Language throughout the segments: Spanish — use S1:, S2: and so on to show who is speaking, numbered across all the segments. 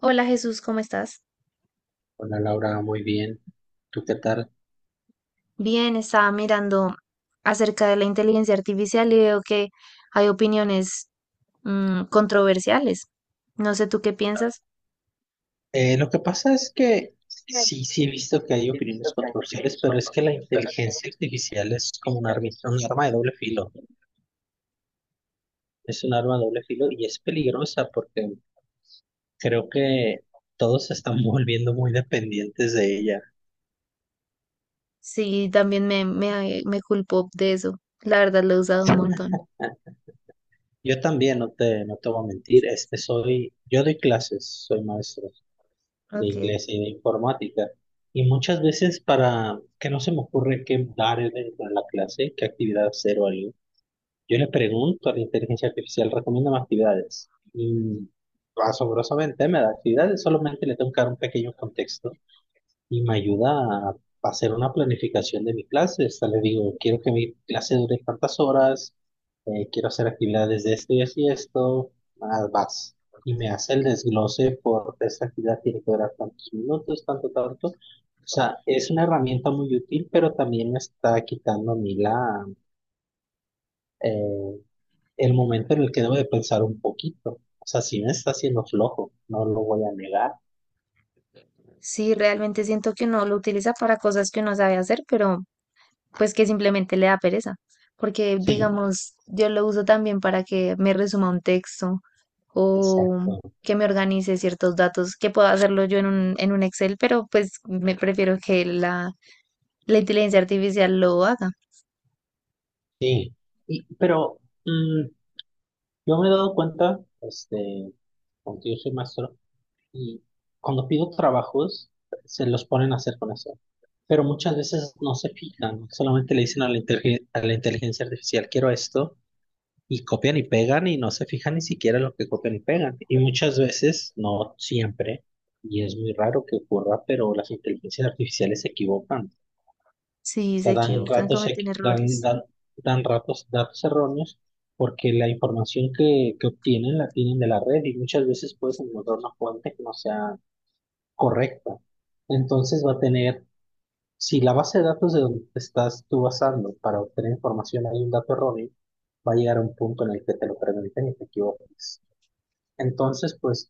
S1: Hola, Jesús, ¿cómo estás?
S2: Hola Laura, muy bien. ¿Tú qué tal?
S1: Bien, estaba mirando acerca de la inteligencia artificial y veo que hay opiniones controversiales. No sé tú qué piensas.
S2: Lo que pasa es que sí, sí he visto que hay opiniones controversiales, pero es que la inteligencia artificial es como un arma de doble filo. Es un arma de doble filo y es peligrosa porque creo que todos se están volviendo muy dependientes de ella.
S1: Sí, también me culpo de eso. La verdad lo he usado un montón.
S2: Yo también, no te voy a mentir, este soy, yo doy clases, soy maestro de
S1: Ok.
S2: inglés y de informática. Y muchas veces para que no se me ocurre qué dar dentro de la clase, qué actividad hacer o algo. Yo le pregunto a la inteligencia artificial, recomiéndame actividades. Y asombrosamente me da actividades, solamente le tengo que dar un pequeño contexto y me ayuda a hacer una planificación de mi clase. Hasta le digo, quiero que mi clase dure tantas horas, quiero hacer actividades de esto y así esto, más vas. Y me hace el desglose por esta actividad tiene que durar tantos minutos, tanto, tanto. O sea, es una herramienta muy útil, pero también me está quitando a mí eh, el momento en el que debo de pensar un poquito. O sea, sí me está haciendo flojo, no lo voy a negar.
S1: Sí, realmente siento que uno lo utiliza para cosas que uno sabe hacer, pero pues que simplemente le da pereza, porque
S2: Sí,
S1: digamos, yo lo uso también para que me resuma un texto o
S2: exacto,
S1: que me organice ciertos datos, que puedo hacerlo yo en un Excel, pero pues me prefiero que la inteligencia artificial lo haga.
S2: sí. Y, pero mm, yo me he dado cuenta, porque yo soy maestro, y cuando pido trabajos, se los ponen a hacer con eso. Pero muchas veces no se fijan, solamente le dicen a la inteligencia artificial, quiero esto, y copian y pegan y no se fijan ni siquiera en lo que copian y pegan. Y muchas veces, no siempre, y es muy raro que ocurra, pero las inteligencias artificiales se equivocan. O
S1: Sí, se
S2: sea, dan
S1: equivocan,
S2: ratos,
S1: cometen
S2: equi- dan,
S1: errores.
S2: dan, dan ratos, datos erróneos porque la información que obtienen la tienen de la red y muchas veces puedes encontrar una fuente que no sea correcta. Entonces va a tener si la base de datos de donde te estás tú basando para obtener información hay un dato erróneo, va a llegar a un punto en el que te lo pregunten y te equivoques. Entonces, pues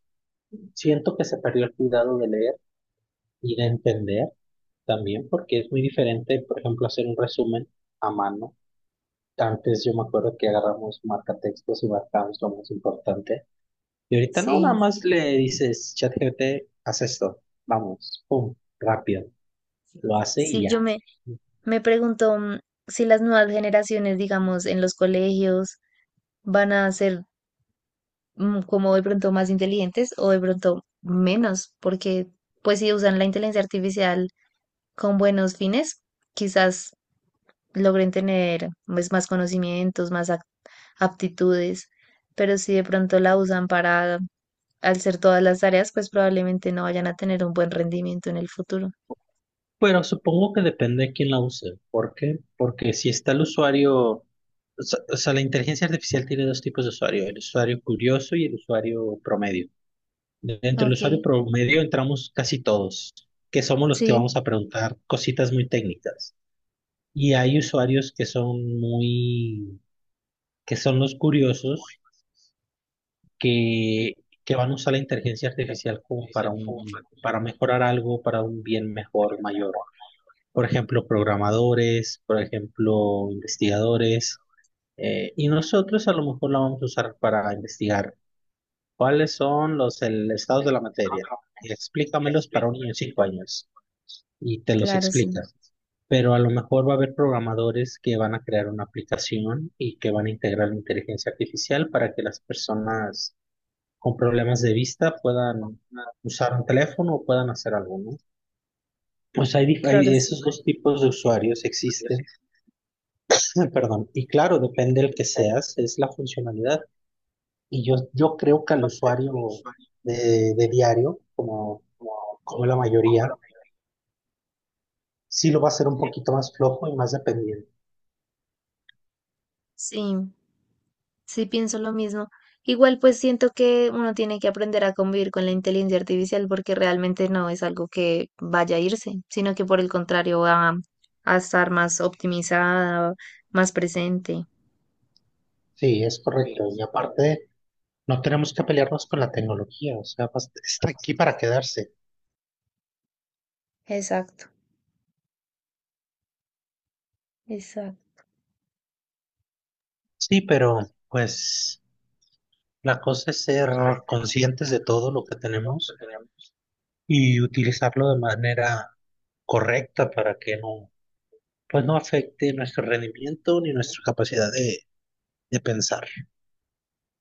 S2: siento que se perdió el cuidado de leer y de entender también, porque es muy diferente, por ejemplo, hacer un resumen a mano. Antes yo me acuerdo que agarramos marcatextos y marcamos lo más importante. Y ahorita no, nada
S1: Sí,
S2: más le dices, ChatGPT, haz esto, vamos, pum, rápido, lo hace y
S1: sí,
S2: ya.
S1: me pregunto si las nuevas generaciones, digamos, en los colegios van a ser como de pronto más inteligentes o de pronto menos, porque pues si usan la inteligencia artificial con buenos fines, quizás logren tener pues, más conocimientos, aptitudes, pero si de pronto la usan para hacer todas las tareas, pues probablemente no vayan a tener un buen rendimiento en el futuro.
S2: Pero supongo que depende de quién la use. ¿Por qué? Porque si está el usuario, o sea, la inteligencia artificial tiene dos tipos de usuario, el usuario curioso y el usuario promedio. Dentro del
S1: Ok,
S2: usuario promedio entramos casi todos, que somos los que
S1: sí,
S2: vamos a preguntar cositas muy técnicas. Y hay usuarios que son que son los curiosos, que, que van a usar la inteligencia artificial como para para mejorar algo, para un bien mejor, mayor. Por ejemplo, programadores, por ejemplo, investigadores, y nosotros a lo mejor la vamos a usar para investigar cuáles son los estados de la materia. Explícamelos para un niño de 5 años y te los
S1: claro, sí,
S2: explica. Pero a lo mejor va a haber programadores que van a crear una aplicación y que van a integrar inteligencia artificial para que las personas con problemas de vista puedan usar un teléfono o puedan hacer algo, ¿no? Pues
S1: claro,
S2: hay
S1: sí.
S2: esos dos tipos de usuarios existen. Perdón, y claro, depende del que seas, es la funcionalidad. Y yo creo que al usuario de diario, como la mayoría, sí lo va a hacer un poquito más flojo y más dependiente.
S1: Sí, sí, pienso lo mismo. Igual pues siento que uno tiene que aprender a convivir con la inteligencia artificial porque realmente no es algo que vaya a irse, sino que por el contrario va a estar más optimizada, más presente.
S2: Sí, es correcto. Y aparte, no tenemos que pelearnos con la tecnología, o sea, está aquí para quedarse.
S1: Exacto, exacto.
S2: Sí, pero pues la cosa es ser conscientes de todo lo que tenemos y utilizarlo de manera correcta para que no pues no afecte nuestro rendimiento ni nuestra capacidad de pensar.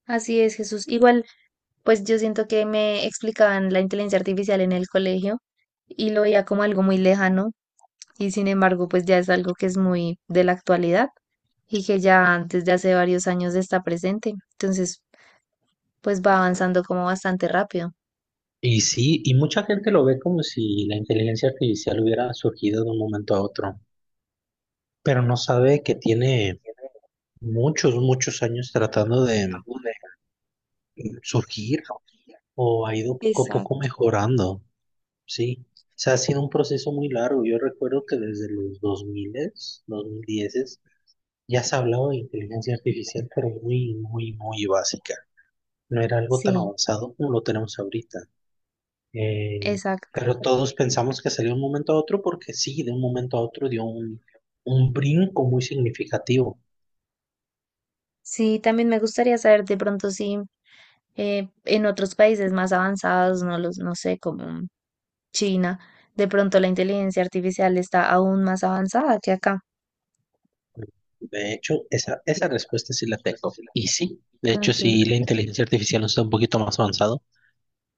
S1: Así es, Jesús. Igual pues yo siento que me explicaban la inteligencia artificial en el colegio y lo veía como algo muy lejano y sin embargo pues ya es algo que es muy de la actualidad y que ya desde hace varios años está presente. Entonces pues va avanzando como bastante rápido.
S2: Y sí, y mucha gente lo ve como si la inteligencia artificial hubiera surgido de un momento a otro, pero no sabe que tiene muchos, muchos años tratando de surgir o ha ido poco a poco
S1: Exacto.
S2: mejorando, ¿sí? O sea, ha sido un proceso muy largo. Yo recuerdo que desde los 2000, 2010, ya se hablaba de inteligencia artificial, pero muy, muy, muy básica. No era algo tan
S1: Sí,
S2: avanzado como lo tenemos ahorita. Eh,
S1: exacto.
S2: pero todos pensamos que salió de un momento a otro porque sí, de un momento a otro dio un brinco muy significativo.
S1: Sí, también me gustaría saber de pronto si en otros países más avanzados, no sé, como China, de pronto la inteligencia artificial está aún más avanzada que acá.
S2: De hecho, esa respuesta sí la tengo. Y sí, de hecho,
S1: Ok,
S2: sí, la inteligencia artificial está un poquito más avanzado.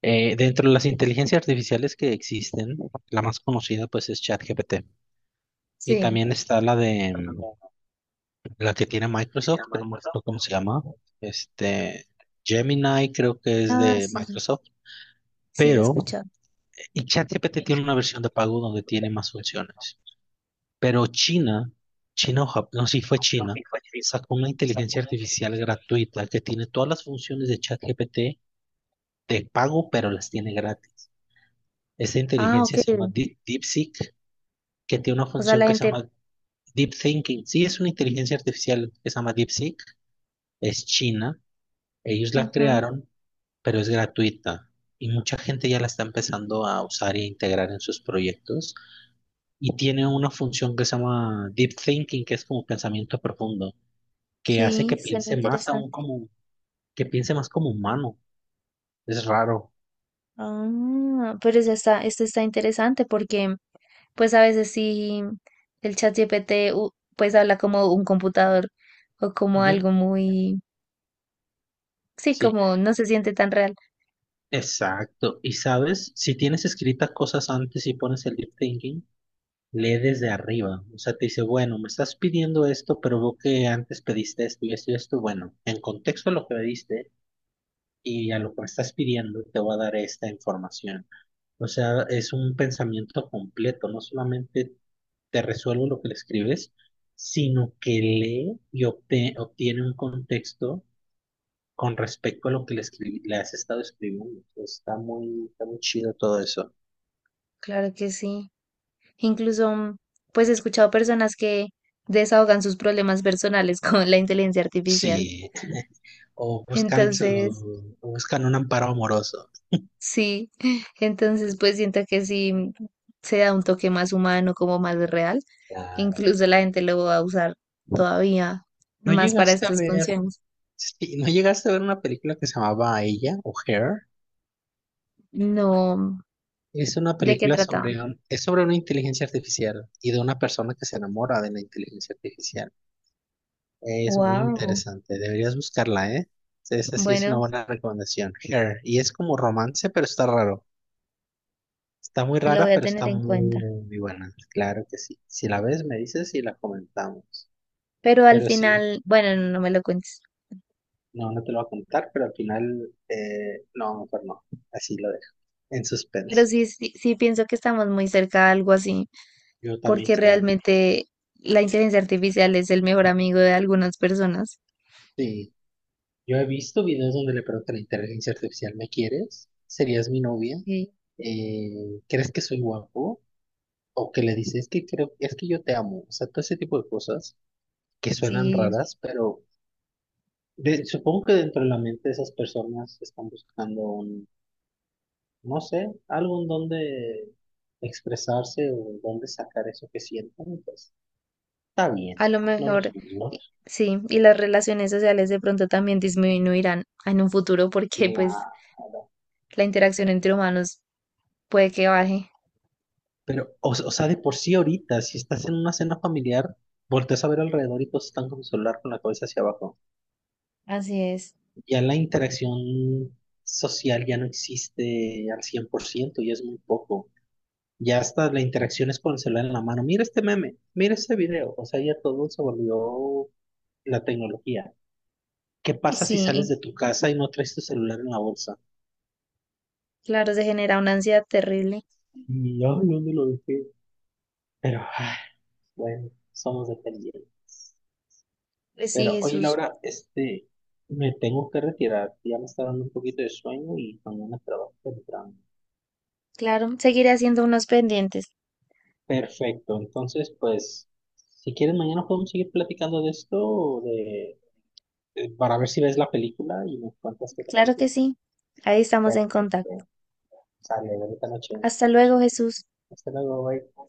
S2: Dentro de las inteligencias artificiales que existen, la más conocida pues es ChatGPT. Y
S1: sí.
S2: también está la que tiene Microsoft, que no me acuerdo cómo se llama. Este, Gemini creo que es
S1: Ah,
S2: de
S1: sí,
S2: Microsoft.
S1: sí, la he
S2: pero
S1: escuchado.
S2: Y ChatGPT tiene una versión de pago donde tiene más funciones. Pero China, China o Japón, no, sí fue China, sacó una inteligencia artificial gratuita que tiene todas las funciones de ChatGPT de pago, pero las tiene gratis. Esa
S1: Ah,
S2: inteligencia
S1: ok.
S2: se llama DeepSeek, que tiene una
S1: O sea,
S2: función
S1: la
S2: que se
S1: gente,
S2: llama Deep Thinking. Sí, es una inteligencia artificial que se llama DeepSeek, es China, ellos la
S1: ajá,
S2: crearon, pero es gratuita. Y mucha gente ya la está empezando a usar e integrar en sus proyectos. Y tiene una función que se llama deep thinking, que es como pensamiento profundo, que hace
S1: sí,
S2: que
S1: suena
S2: piense más
S1: interesante.
S2: aún que piense más como humano. Es raro.
S1: Ah, pero esto está interesante porque pues a veces sí el chat GPT pues habla como un computador o como
S2: Ujú.
S1: algo sí,
S2: Sí,
S1: como no se siente tan real.
S2: exacto. Y sabes, si tienes escritas cosas antes y pones el deep thinking, lee desde arriba. O sea, te dice, bueno, me estás pidiendo esto, pero veo que antes pediste esto y esto y esto. Bueno, en contexto a lo que pediste y a lo que me estás pidiendo, te voy a dar esta información. O sea, es un pensamiento completo, no solamente te resuelvo lo que le escribes, sino que lee y obtiene un contexto con respecto a lo que le escribí, le has estado escribiendo. Está muy chido todo eso.
S1: Claro que sí. Incluso pues he escuchado personas que desahogan sus problemas personales con la inteligencia artificial.
S2: Sí, o buscan su,
S1: Entonces,
S2: o buscan un amparo amoroso.
S1: sí, entonces pues siento que sí se da un toque más humano, como más real.
S2: Claro.
S1: Incluso la gente lo va a usar todavía
S2: ¿No
S1: más para
S2: llegaste a
S1: estas
S2: ver,
S1: funciones.
S2: sí, no llegaste a ver una película que se llamaba Ella o Her?
S1: No,
S2: Es una
S1: ¿de qué
S2: película
S1: trata?
S2: es sobre una inteligencia artificial y de una persona que se enamora de la inteligencia artificial. Es muy
S1: Wow.
S2: interesante, deberías buscarla, ¿eh? Esa sí es una
S1: Bueno,
S2: buena recomendación. Her. Y es como romance, pero está raro. Está muy
S1: lo voy
S2: rara,
S1: a
S2: pero
S1: tener
S2: está
S1: en cuenta.
S2: muy buena. Claro que sí. Si la ves, me dices y la comentamos.
S1: Pero al
S2: Pero sí,
S1: final, bueno, no, no me lo cuentes.
S2: no, no te lo voy a contar, pero al final, no, mejor no. Así lo dejo. En
S1: Pero
S2: suspenso.
S1: sí, sí, sí pienso que estamos muy cerca de algo así,
S2: Yo también
S1: porque
S2: creo.
S1: realmente la inteligencia artificial es el mejor amigo de algunas personas.
S2: Sí. Yo he visto videos donde le preguntan a la inteligencia artificial, ¿me quieres? ¿Serías mi novia?
S1: Sí,
S2: ¿Crees que soy guapo? O que le dices, es que creo, es que yo te amo. O sea, todo ese tipo de cosas que suenan
S1: sí,
S2: raras, pero supongo que dentro de la mente de esas personas están buscando no sé, algo en donde expresarse o donde sacar eso que sienten. Y pues está bien,
S1: a lo
S2: no los
S1: mejor
S2: juzgo.
S1: sí. Y las relaciones sociales de pronto también disminuirán en un futuro porque pues
S2: Claro.
S1: la interacción entre humanos puede que baje.
S2: Pero, o sea, de por sí ahorita, si estás en una cena familiar, volteas a ver alrededor y todos están con su celular con la cabeza hacia abajo.
S1: Así es.
S2: Ya la interacción social ya no existe al 100% y es muy poco. Ya hasta la interacción es con el celular en la mano. Mira este meme, mira este video. O sea, ya todo se volvió la tecnología. ¿Qué
S1: Y
S2: pasa si sales
S1: sí,
S2: de tu casa y no traes tu celular en la bolsa?
S1: claro, se genera una ansiedad terrible.
S2: Y ay, ¿dónde lo dejé? Pero, ay, bueno, somos dependientes.
S1: Pues sí,
S2: Pero, oye,
S1: Jesús.
S2: Laura, me tengo que retirar. Ya me está dando un poquito de sueño y mañana trabajo temprano.
S1: Claro, seguiré haciendo unos pendientes.
S2: Perfecto, entonces pues si quieres mañana podemos seguir platicando de esto, para ver si ves la película y me cuentas qué te
S1: Claro
S2: pareció.
S1: que sí. Ahí estamos en contacto.
S2: Perfecto, sale, bonita noche.
S1: Hasta luego, Jesús.
S2: Hasta luego, bye.